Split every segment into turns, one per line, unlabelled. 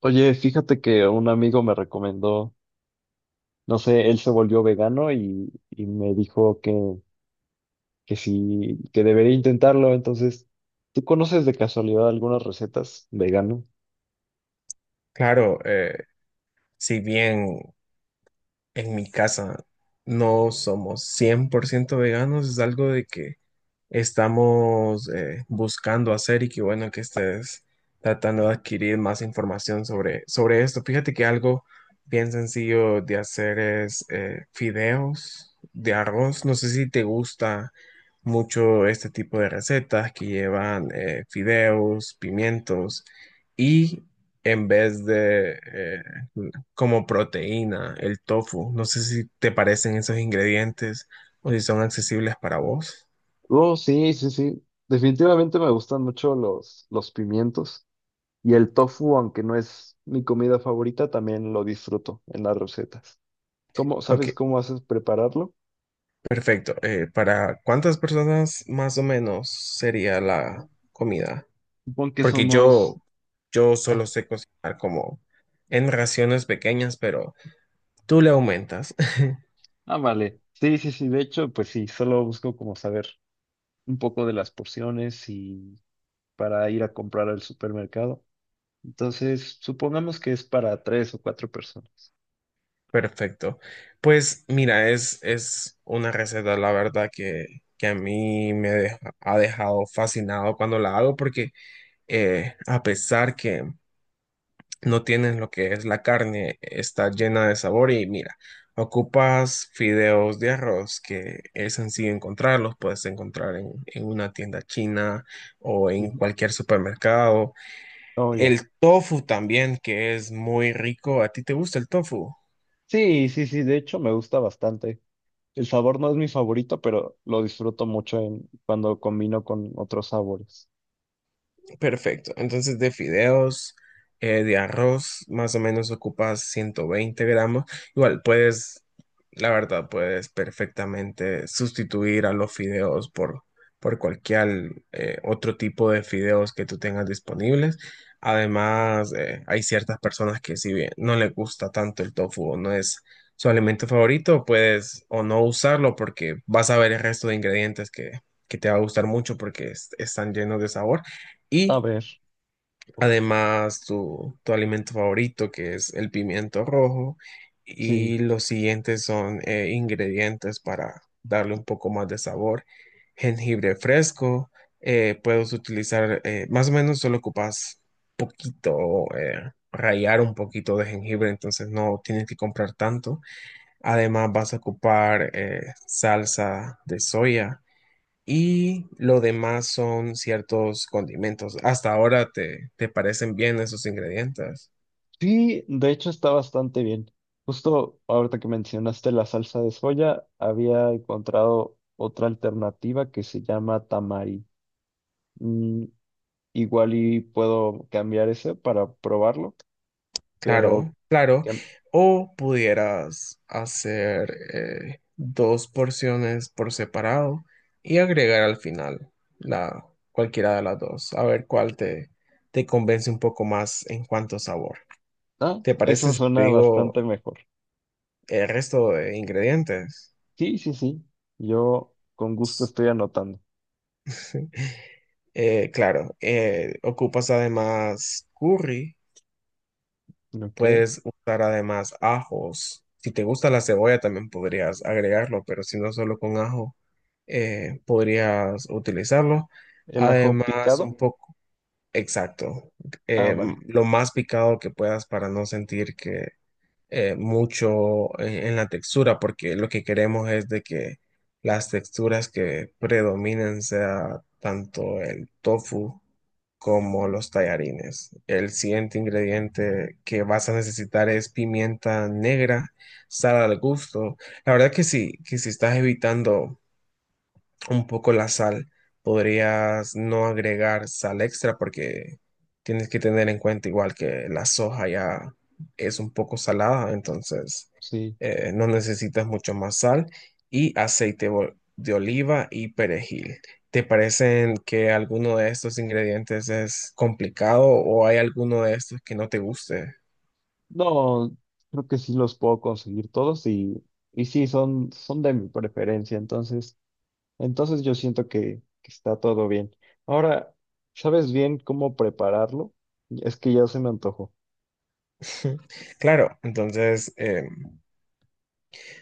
Oye, fíjate que un amigo me recomendó, no sé, él se volvió vegano y me dijo que sí, que debería intentarlo. Entonces, ¿tú conoces de casualidad algunas recetas vegano?
Claro, si bien en mi casa no somos 100% veganos, es algo de que estamos buscando hacer y que bueno que estés tratando de adquirir más información sobre esto. Fíjate que algo bien sencillo de hacer es fideos de arroz. No sé si te gusta mucho este tipo de recetas que llevan fideos, pimientos y en vez de como proteína, el tofu. No sé si te parecen esos ingredientes o si son accesibles para vos.
Oh, sí, sí, sí. Definitivamente me gustan mucho los pimientos y el tofu, aunque no es mi comida favorita, también lo disfruto en las recetas. ¿Cómo,
Ok,
sabes cómo haces prepararlo?
perfecto. ¿Para cuántas personas más o menos sería la comida?
Supongo que
Porque yo,
somos...
yo solo
Ah,
sé cocinar como en raciones pequeñas, pero tú le aumentas.
ah, vale. Sí, sí, sí. De hecho, pues sí, solo busco como saber un poco de las porciones y para ir a comprar al supermercado. Entonces, supongamos que es para tres o cuatro personas.
Perfecto. Pues mira, es una receta, la verdad, que a mí me ha dejado fascinado cuando la hago porque... a pesar que no tienes lo que es la carne, está llena de sabor y mira, ocupas fideos de arroz, que es sencillo encontrarlos, puedes encontrar en una tienda china o en
Ujú.
cualquier supermercado.
Oh, ya.
El tofu también, que es muy rico. ¿A ti te gusta el tofu?
Sí, sí, sí, de hecho me gusta bastante. El sabor no es mi favorito, pero lo disfruto mucho en, cuando combino con otros sabores.
Perfecto. Entonces, de fideos, de arroz, más o menos ocupas 120 gramos. Igual puedes, la verdad, puedes perfectamente sustituir a los fideos por cualquier otro tipo de fideos que tú tengas disponibles. Además, hay ciertas personas que si bien no les gusta tanto el tofu o no es su alimento favorito, puedes o no usarlo porque vas a ver el resto de ingredientes que te va a gustar mucho porque están llenos de sabor.
A
Y
ver,
además, tu alimento favorito, que es el pimiento rojo,
sí.
y los siguientes son ingredientes para darle un poco más de sabor. Jengibre fresco, puedes utilizar, más o menos solo ocupas poquito, rallar un poquito de jengibre, entonces no tienes que comprar tanto. Además, vas a ocupar salsa de soya y lo demás son ciertos condimentos. Hasta ahora te parecen bien esos ingredientes.
Sí, de hecho está bastante bien. Justo ahorita que mencionaste la salsa de soya, había encontrado otra alternativa que se llama tamari. Mm, Igual y puedo cambiar ese para probarlo, pero
Claro, claro.
que-
O pudieras hacer dos porciones por separado y agregar al final la, cualquiera de las dos. A ver te convence un poco más en cuanto a sabor.
ah,
¿Te
eso
parece si te
suena bastante
digo
mejor.
el resto de ingredientes?
Sí, sí, sí. Yo con gusto estoy anotando.
Claro, ocupas además curry.
Ok.
Puedes usar además ajos. Si te gusta la cebolla, también podrías agregarlo, pero si no solo con ajo, podrías utilizarlo.
El ajo
Además,
picado.
un poco, exacto,
Ah,
eh,
vale.
lo más picado que puedas para no sentir que, mucho en la textura, porque lo que queremos es de que las texturas que predominen sea tanto el tofu como los tallarines. El siguiente ingrediente que vas a necesitar es pimienta negra, sal al gusto. La verdad que sí, que si estás evitando un poco la sal. Podrías no agregar sal extra porque tienes que tener en cuenta igual que la soja ya es un poco salada, entonces
Sí.
no necesitas mucho más sal y aceite de oliva y perejil. ¿Te parecen que alguno de estos ingredientes es complicado o hay alguno de estos que no te guste?
No, creo que sí los puedo conseguir todos y sí, son, son de mi preferencia. Entonces, entonces yo siento que está todo bien. Ahora, ¿sabes bien cómo prepararlo? Es que ya se me antojó.
Claro, entonces...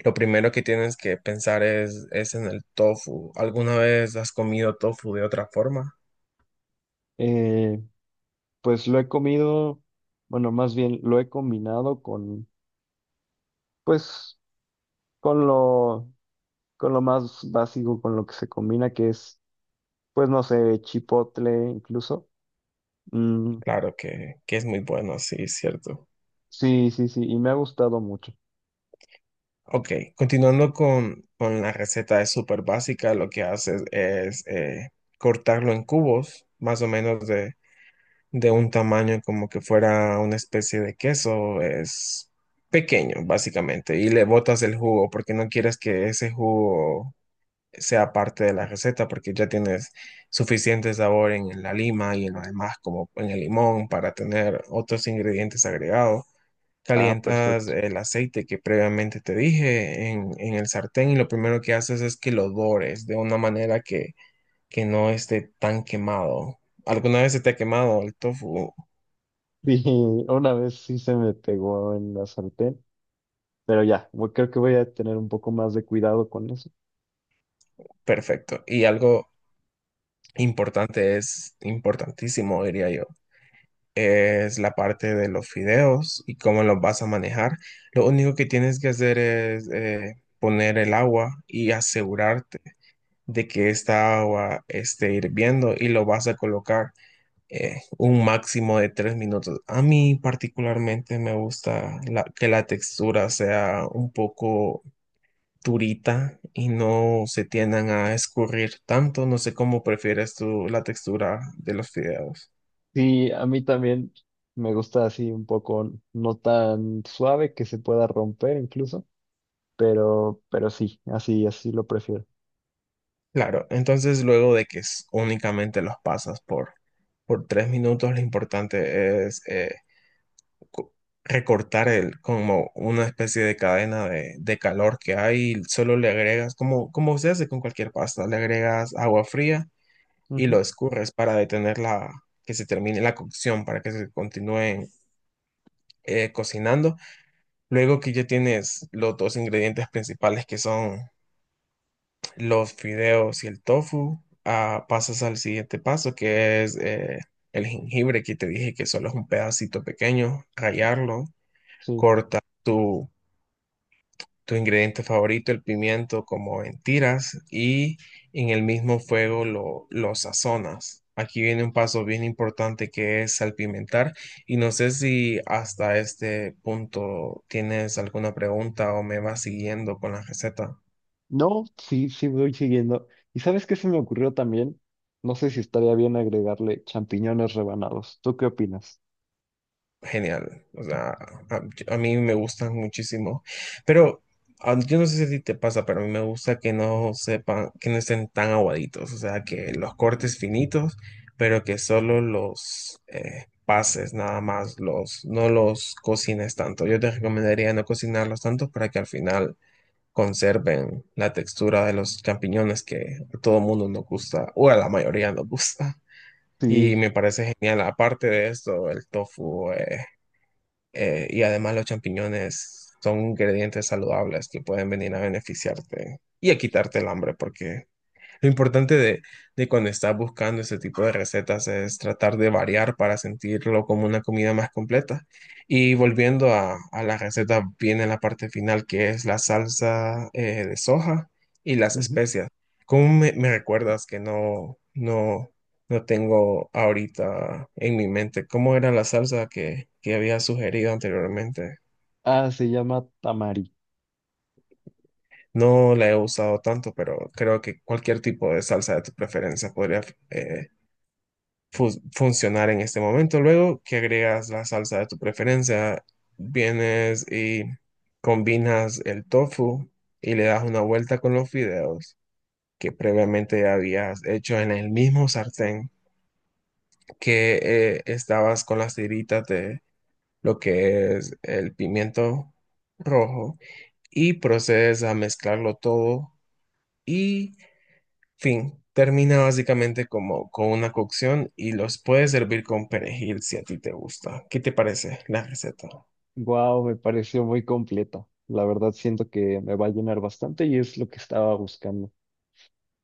lo primero que tienes que pensar es en el tofu. ¿Alguna vez has comido tofu de otra forma?
Eh, Pues lo he comido, bueno, más bien lo he combinado con, pues, con lo, con lo más básico, con lo que se combina, que es, pues, no sé, chipotle incluso. Mm,
Claro que es muy bueno, sí, es cierto.
sí, sí, sí, y me ha gustado mucho.
Ok, continuando con la receta, es súper básica. Lo que haces es cortarlo en cubos, más o menos de un tamaño como que fuera una especie de queso. Es pequeño, básicamente, y le botas el jugo porque no quieres que ese jugo sea parte de la receta porque ya tienes suficiente sabor en la lima y en lo demás como en el limón para tener otros ingredientes agregados.
Ah,
Calientas
perfecto.
el aceite que previamente te dije en el sartén y lo primero que haces es que lo dores de una manera que no esté tan quemado. ¿Alguna vez se te ha quemado el tofu?
Sí, una vez sí se me pegó en la sartén, pero ya, bueno, creo que voy a tener un poco más de cuidado con eso.
Perfecto. Y algo importante es importantísimo, diría yo, es la parte de los fideos y cómo los vas a manejar. Lo único que tienes que hacer es poner el agua y asegurarte de que esta agua esté hirviendo y lo vas a colocar un máximo de tres minutos. A mí particularmente me gusta que la textura sea un poco durita y no se tiendan a escurrir tanto. No sé cómo prefieres tú la textura de los fideos.
Sí, a mí también me gusta así un poco, no tan suave que se pueda romper incluso. Pero sí, así, así lo prefiero.
Claro, entonces luego de que únicamente los pasas por tres minutos, lo importante es co- recortar el, como una especie de cadena de calor que hay, y solo le agregas, como, como se hace con cualquier pasta, le agregas agua fría y
Ujú,
lo escurres para detener que se termine la cocción, para que se continúen cocinando. Luego que ya tienes los dos ingredientes principales que son los fideos y el tofu, ah, pasas al siguiente paso, que es el jengibre, que te dije que solo es un pedacito pequeño, rallarlo,
sí.
corta tu ingrediente favorito, el pimiento, como en tiras, y en el mismo fuego lo sazonas. Aquí viene un paso bien importante que es salpimentar, y no sé si hasta este punto tienes alguna pregunta o me vas siguiendo con la receta.
No, sí, sí voy siguiendo. ¿Y sabes qué se me ocurrió también? No sé si estaría bien agregarle champiñones rebanados. ¿Tú qué opinas?
Genial. O sea, a, a mí me gustan muchísimo. Pero ah, yo no sé si a ti te pasa, pero a mí me gusta que no sepan, que no estén tan aguaditos. O sea, que los cortes finitos, pero que solo los pases nada más, los, no los cocines tanto. Yo te recomendaría no cocinarlos tanto para que al final conserven la textura de los champiñones que a todo mundo nos gusta, o a la mayoría nos gusta. Y
Sí.
me parece genial, aparte de esto, el tofu. Y además los champiñones son ingredientes saludables que pueden venir a beneficiarte y a quitarte el hambre, porque lo importante de cuando estás buscando este tipo de recetas es tratar de variar para sentirlo como una comida más completa. Y volviendo a la receta, viene la parte final que es la salsa de soja y las
Ujú.
especias. ¿Cómo me recuerdas que no tengo ahorita en mi mente? ¿Cómo era la salsa que había sugerido anteriormente?
Ah, se llama tamari.
No la he usado tanto, pero creo que cualquier tipo de salsa de tu preferencia podría eh, fu- funcionar en este momento. Luego que agregas la salsa de tu preferencia, vienes y combinas el tofu y le das una vuelta con los fideos que previamente ya habías hecho en el mismo sartén que estabas con las tiritas de lo que es el pimiento rojo y procedes a mezclarlo todo y fin, termina básicamente como con una cocción y los puedes servir con perejil si a ti te gusta. ¿Qué te parece la receta?
Wow, me pareció muy completa. La verdad siento que me va a llenar bastante y es lo que estaba buscando.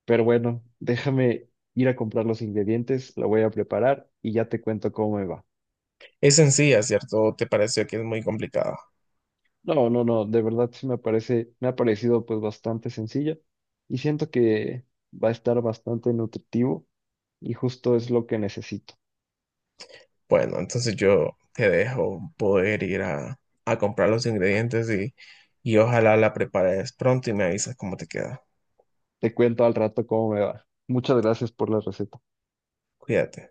Pero bueno, déjame ir a comprar los ingredientes, lo voy a preparar y ya te cuento cómo me va.
Es sencilla, ¿cierto? ¿Te pareció que es muy complicada?
No, no, no, de verdad sí me parece, me ha parecido pues bastante sencillo y siento que va a estar bastante nutritivo y justo es lo que necesito.
Bueno, entonces yo te dejo poder ir a comprar los ingredientes y ojalá la prepares pronto y me avisas cómo te queda.
Te cuento al rato cómo me va. Muchas gracias por la receta.
Cuídate.